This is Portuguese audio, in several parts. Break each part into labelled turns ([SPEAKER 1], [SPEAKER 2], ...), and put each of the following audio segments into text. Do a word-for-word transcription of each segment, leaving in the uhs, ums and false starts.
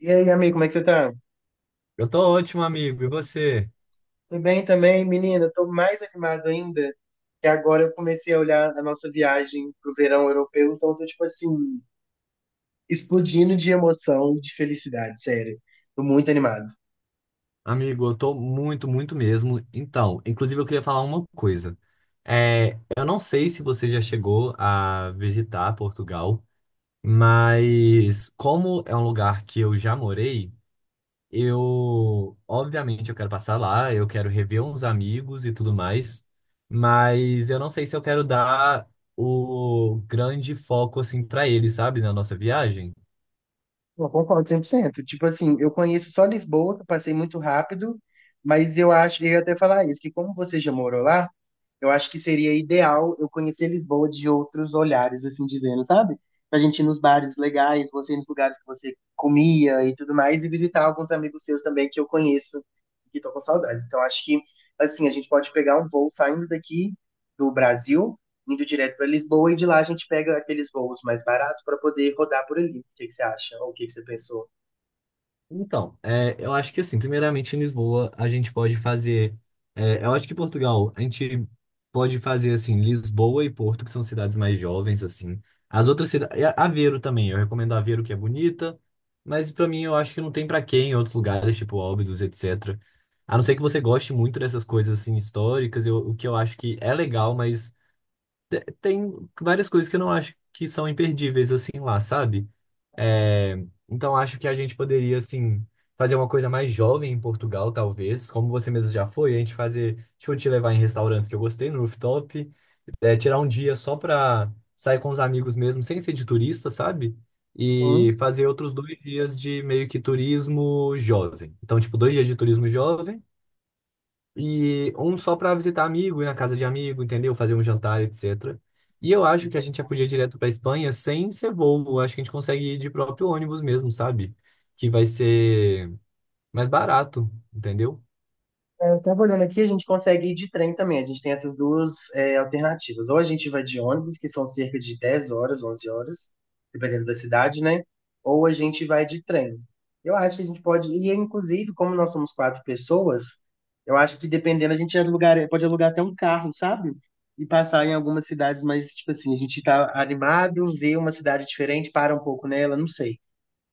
[SPEAKER 1] E aí, amigo, como é que você tá?
[SPEAKER 2] Eu tô ótimo, amigo. E você?
[SPEAKER 1] Tudo bem também, menina? Tô mais animado ainda, que agora eu comecei a olhar a nossa viagem pro verão europeu, então eu tô, tipo assim, explodindo de emoção e de felicidade, sério. Tô muito animado.
[SPEAKER 2] Amigo, eu tô muito, muito mesmo. Então, inclusive eu queria falar uma coisa. É, eu não sei se você já chegou a visitar Portugal, mas como é um lugar que eu já morei, eu, obviamente, eu quero passar lá, eu quero rever uns amigos e tudo mais, mas eu não sei se eu quero dar o grande foco assim para eles, sabe, na nossa viagem.
[SPEAKER 1] Eu concordo cem por cento. Tipo assim, eu conheço só Lisboa, que eu passei muito rápido, mas eu acho, eu ia até falar isso, que como você já morou lá, eu acho que seria ideal eu conhecer Lisboa de outros olhares, assim dizendo, sabe? Pra gente ir nos bares legais, você ir nos lugares que você comia e tudo mais, e visitar alguns amigos seus também que eu conheço e que tô com saudades. Então, acho que, assim, a gente pode pegar um voo saindo daqui do Brasil, indo direto para Lisboa, e de lá a gente pega aqueles voos mais baratos para poder rodar por ali. O que que você acha? Ou o que que você pensou?
[SPEAKER 2] Então, é, eu acho que assim, primeiramente em Lisboa a gente pode fazer. É, eu acho que em Portugal a gente pode fazer assim, Lisboa e Porto, que são cidades mais jovens, assim. As outras cidades. Aveiro também, eu recomendo Aveiro, que é bonita, mas pra mim eu acho que não tem pra quem em outros lugares, tipo Óbidos, etecetera. A não ser que você goste muito dessas coisas assim históricas, eu- o que eu acho que é legal, mas te- tem várias coisas que eu não acho que são imperdíveis assim lá, sabe? É, então acho que a gente poderia assim fazer uma coisa mais jovem em Portugal, talvez, como você mesmo já foi, a gente fazer, tipo, te levar em restaurantes que eu gostei no rooftop, é, tirar um dia só pra sair com os amigos mesmo, sem ser de turista, sabe? E fazer outros dois dias de meio que turismo jovem. Então, tipo, dois dias de turismo jovem e um só para visitar amigo, ir na casa de amigo, entendeu? Fazer um jantar, etecetera. E eu
[SPEAKER 1] Sim.
[SPEAKER 2] acho que a gente já podia ir direto para Espanha sem ser voo. Eu acho que a gente consegue ir de próprio ônibus mesmo, sabe? Que vai ser mais barato, entendeu?
[SPEAKER 1] É, Eu estava olhando aqui, a gente consegue ir de trem também. A gente tem essas duas é, alternativas. Ou a gente vai de ônibus, que são cerca de dez horas, onze horas, dependendo da cidade, né? Ou a gente vai de trem. Eu acho que a gente pode ir, inclusive, como nós somos quatro pessoas, eu acho que dependendo, a gente alugar, pode alugar até um carro, sabe? E passar em algumas cidades, mas, tipo assim, a gente tá animado, vê uma cidade diferente, para um pouco nela, não sei.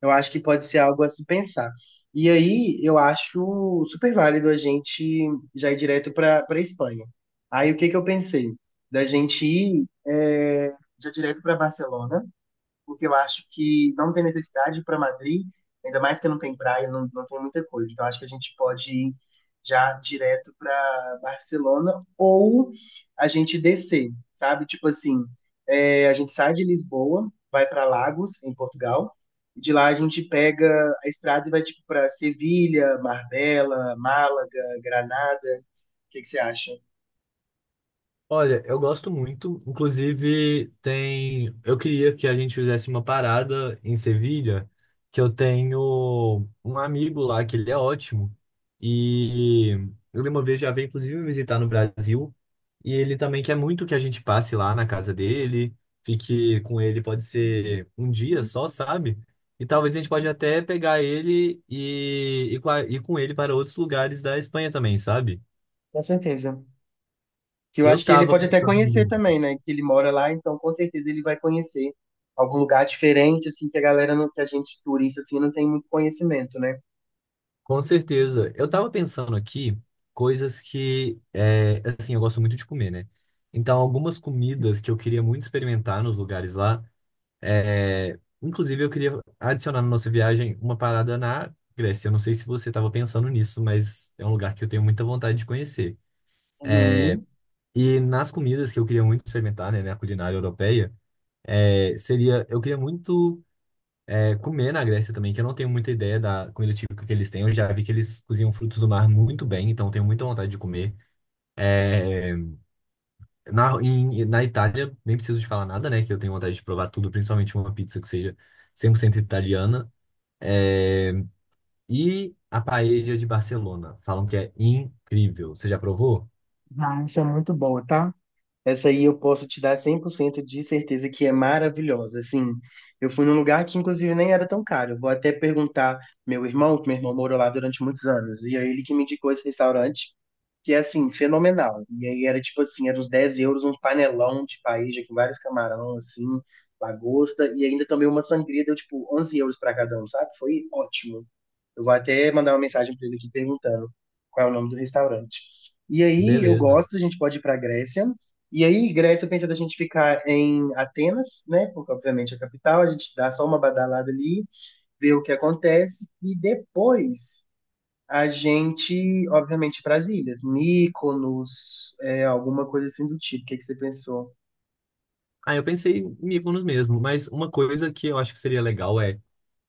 [SPEAKER 1] Eu acho que pode ser algo a se pensar. E aí, eu acho super válido a gente já ir direto para para Espanha. Aí, o que que eu pensei? Da gente ir é, já direto para Barcelona porque eu acho que não tem necessidade para Madrid, ainda mais que não tem praia, não, não tem muita coisa. Então, acho que a gente pode ir já direto para Barcelona ou a gente descer, sabe? Tipo assim, é, a gente sai de Lisboa, vai para Lagos, em Portugal, e de lá a gente pega a estrada e vai tipo para Sevilha, Marbella, Málaga, Granada. O que que você acha?
[SPEAKER 2] Olha, eu gosto muito. Inclusive, tem. Eu queria que a gente fizesse uma parada em Sevilha, que eu tenho um amigo lá que ele é ótimo. E ele uma vez já veio, inclusive, me visitar no Brasil. E ele também quer muito que a gente passe lá na casa dele, fique com ele, pode ser um dia só, sabe? E talvez a gente pode até pegar ele e e com a- ir com ele para outros lugares da Espanha também, sabe?
[SPEAKER 1] Com certeza. Que eu acho
[SPEAKER 2] Eu
[SPEAKER 1] que ele
[SPEAKER 2] tava
[SPEAKER 1] pode até conhecer
[SPEAKER 2] pensando.
[SPEAKER 1] também, né? Que ele mora lá, então com certeza ele vai conhecer algum lugar diferente, assim, que a galera, não, que a gente turista, assim, não tem muito conhecimento, né?
[SPEAKER 2] Com certeza. Eu tava pensando aqui coisas que, é, assim, eu gosto muito de comer, né? Então, algumas comidas que eu queria muito experimentar nos lugares lá. É, inclusive, eu queria adicionar na nossa viagem uma parada na Grécia. Eu não sei se você tava pensando nisso, mas é um lugar que eu tenho muita vontade de conhecer.
[SPEAKER 1] Uhum.
[SPEAKER 2] E nas comidas que eu queria muito experimentar, né, na culinária europeia, é, seria, eu queria muito. É, comer na Grécia também, que eu não tenho muita ideia da comida típica que eles têm. Eu já vi que eles cozinham frutos do mar muito bem, então eu tenho muita vontade de comer. É, na, em- Na Itália, nem preciso de falar nada, né? Que eu tenho vontade de provar tudo, principalmente uma pizza que seja cem por cento italiana. É, e a paella de Barcelona. Falam que é incrível. Você já provou?
[SPEAKER 1] Ah, isso é muito boa, tá? Essa aí eu posso te dar cem por cento de certeza que é maravilhosa. Assim, eu fui num lugar que inclusive nem era tão caro. Eu vou até perguntar meu irmão, que meu irmão morou lá durante muitos anos, e é ele que me indicou esse restaurante, que é assim, fenomenal. E aí era tipo assim, era uns dez euros, um panelão de paella com vários camarão, assim, lagosta, e ainda tomei uma sangria, deu tipo onze euros pra cada um, sabe? Foi ótimo. Eu vou até mandar uma mensagem pra ele aqui perguntando qual é o nome do restaurante. E aí, eu
[SPEAKER 2] Beleza.
[SPEAKER 1] gosto, a gente pode ir pra Grécia. E aí, Grécia, eu pensei da gente ficar em Atenas, né? Porque, obviamente, é a capital. A gente dá só uma badalada ali, vê o que acontece. E depois a gente, obviamente, para as ilhas. Mykonos, é, alguma coisa assim do tipo. O que que você pensou?
[SPEAKER 2] Ah, eu pensei em Mykonos mesmo, mas uma coisa que eu acho que seria legal é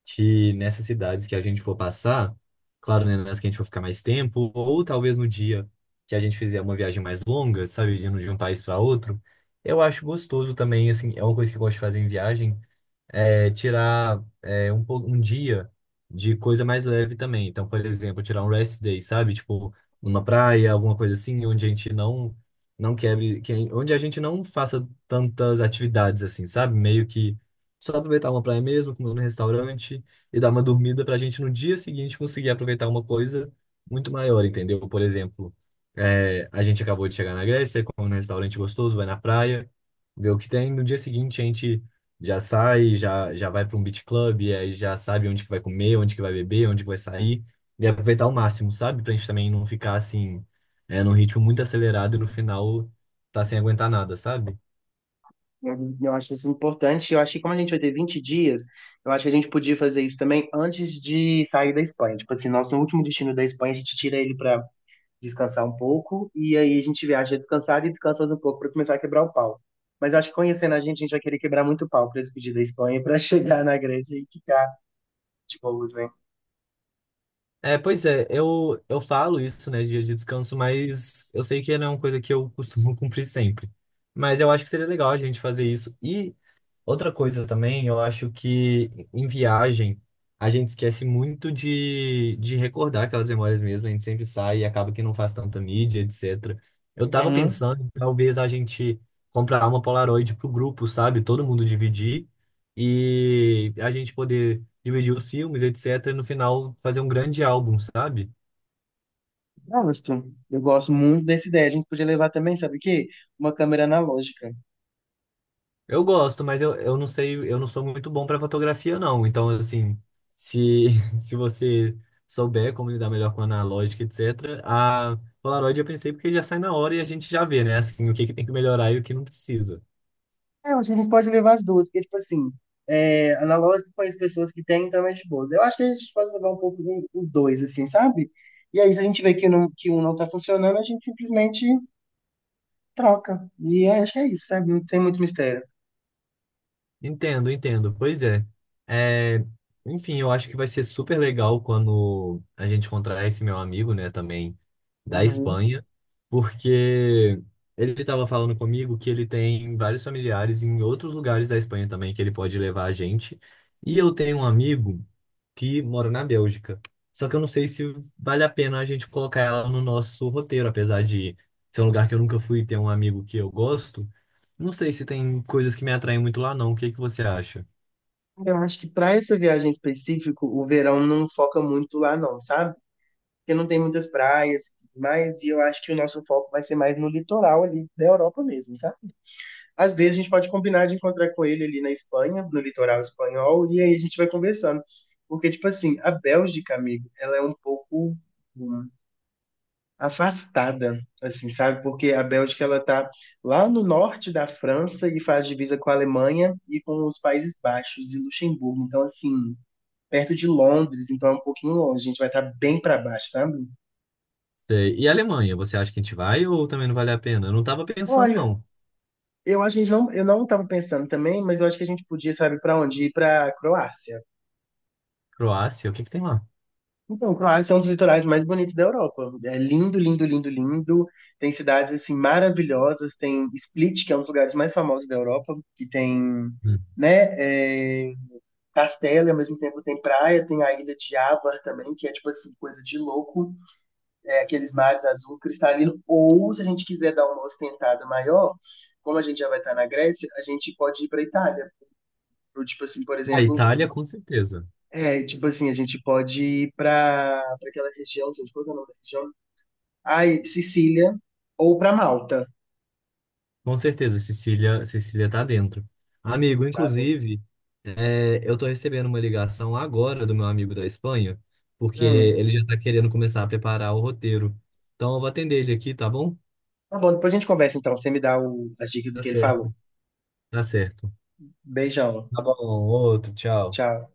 [SPEAKER 2] que nessas cidades que a gente for passar, claro, né, nas que a gente for ficar mais tempo, ou talvez no dia que a gente fizer uma viagem mais longa, sabe, de um de um país para outro, eu acho gostoso também, assim, é uma coisa que eu gosto de fazer em viagem, é, tirar é, um, pou- um dia de coisa mais leve também. Então, por exemplo, tirar um rest day, sabe? Tipo, numa praia, alguma coisa assim, onde a gente não não quebre, que- onde a gente não faça tantas atividades assim, sabe? Meio que só aproveitar uma praia mesmo, comer no restaurante e dar uma dormida pra gente no dia seguinte conseguir aproveitar uma coisa muito maior, entendeu? Por exemplo, é, a gente acabou de chegar na Grécia, come num restaurante gostoso, vai na praia, vê o que tem. No dia seguinte, a gente já sai, já, já vai para um beach club, e aí já sabe onde que vai comer, onde que vai beber, onde que vai sair, e aproveitar ao máximo, sabe? Pra gente também não ficar assim, é, num ritmo muito acelerado e no final tá sem aguentar nada, sabe?
[SPEAKER 1] Eu, eu acho isso importante. Eu acho que como a gente vai ter vinte dias, eu acho que a gente podia fazer isso também antes de sair da Espanha. Tipo assim, nosso último destino da Espanha, a gente tira ele para descansar um pouco, e aí a gente viaja descansado e descansa mais um pouco para começar a quebrar o pau. Mas eu acho que conhecendo a gente, a gente vai querer quebrar muito pau para despedir da Espanha, para chegar na Grécia e ficar de boas, né?
[SPEAKER 2] É, pois é, eu, eu falo isso, né, dias de descanso, mas eu sei que não é uma coisa que eu costumo cumprir sempre. Mas eu acho que seria legal a gente fazer isso. E outra coisa também, eu acho que em viagem a gente esquece muito de, de recordar aquelas memórias mesmo, a gente sempre sai e acaba que não faz tanta mídia, etecetera. Eu tava
[SPEAKER 1] Uhum.
[SPEAKER 2] pensando em talvez a gente comprar uma Polaroid pro grupo, sabe? Todo mundo dividir e a gente poder dividir os filmes, etecetera. E no final fazer um grande álbum, sabe?
[SPEAKER 1] Gosto. Eu gosto muito dessa ideia. A gente podia levar também, sabe o quê? Uma câmera analógica.
[SPEAKER 2] Eu gosto, mas eu, eu não sei, eu não sou muito bom para fotografia, não. Então, assim, se, se você souber como lidar melhor com analógica, etecetera, a Polaroid eu pensei porque já sai na hora e a gente já vê, né? Assim, o que que tem que melhorar e o que não precisa.
[SPEAKER 1] É, eu acho que a gente pode levar as duas, porque, tipo assim, é, analógico com as pessoas que têm, então é de boas. Eu acho que a gente pode levar um pouco de- os dois, assim, sabe? E aí, se a gente vê que, não, que um não tá funcionando, a gente simplesmente troca. E acho que é isso, sabe? Não tem muito mistério.
[SPEAKER 2] Entendo, entendo. Pois é. É, Enfim, eu acho que vai ser super legal quando a gente encontrar esse meu amigo, né, também da
[SPEAKER 1] Uhum.
[SPEAKER 2] Espanha, porque ele estava falando comigo que ele tem vários familiares em outros lugares da Espanha também que ele pode levar a gente. E eu tenho um amigo que mora na Bélgica. Só que eu não sei se vale a pena a gente colocar ela no nosso roteiro, apesar de ser um lugar que eu nunca fui e ter um amigo que eu gosto. Não sei se tem coisas que me atraem muito lá, não. O que que você acha?
[SPEAKER 1] Eu acho que para essa viagem específico, o verão não foca muito lá, não, sabe? Porque não tem muitas praias e tudo mais, e eu acho que o nosso foco vai ser mais no litoral ali da Europa mesmo, sabe? Às vezes a gente pode combinar de encontrar com ele ali na Espanha, no litoral espanhol, e aí a gente vai conversando. Porque, tipo assim, a Bélgica, amigo, ela é um pouco. hum, afastada, assim, sabe? Porque a Bélgica ela tá lá no norte da França e faz divisa com a Alemanha e com os Países Baixos e Luxemburgo. Então, assim, perto de Londres, então é um pouquinho longe. A gente vai estar bem para baixo, sabe?
[SPEAKER 2] Sei. E a Alemanha, você acha que a gente vai ou também não vale a pena? Eu não tava pensando,
[SPEAKER 1] Olha,
[SPEAKER 2] não.
[SPEAKER 1] eu acho que a gente não, eu não estava pensando também, mas eu acho que a gente podia, sabe, para onde? Ir para Croácia.
[SPEAKER 2] Croácia, o que que tem lá?
[SPEAKER 1] Então, Croácia é um dos litorais mais bonitos da Europa. É lindo, lindo, lindo, lindo. Tem cidades assim maravilhosas. Tem Split, que é um dos lugares mais famosos da Europa, que tem,
[SPEAKER 2] Hum.
[SPEAKER 1] né, é, castelo, e ao mesmo tempo tem praia, tem a ilha de Ávar também, que é tipo assim coisa de louco, é, aqueles mares azul cristalino. Ou se a gente quiser dar uma ostentada maior, como a gente já vai estar na Grécia, a gente pode ir para Itália. Ou, tipo assim, por
[SPEAKER 2] A
[SPEAKER 1] exemplo,
[SPEAKER 2] Itália, com certeza.
[SPEAKER 1] é, tipo assim, a gente pode ir para aquela região, gente, qual que é o nome da região? Aí, Sicília ou para Malta,
[SPEAKER 2] Com certeza, Cecília, Cecília tá dentro. Amigo,
[SPEAKER 1] sabe?
[SPEAKER 2] inclusive, é, eu tô recebendo uma ligação agora do meu amigo da Espanha, porque
[SPEAKER 1] Hum.
[SPEAKER 2] ele já tá querendo começar a preparar o roteiro. Então eu vou atender ele aqui, tá bom?
[SPEAKER 1] Tá bom, depois a gente conversa então. Você me dá o- as dicas do
[SPEAKER 2] Tá
[SPEAKER 1] que ele falou.
[SPEAKER 2] certo. Tá certo.
[SPEAKER 1] Beijão.
[SPEAKER 2] Tá bom, outro, tchau.
[SPEAKER 1] Tchau.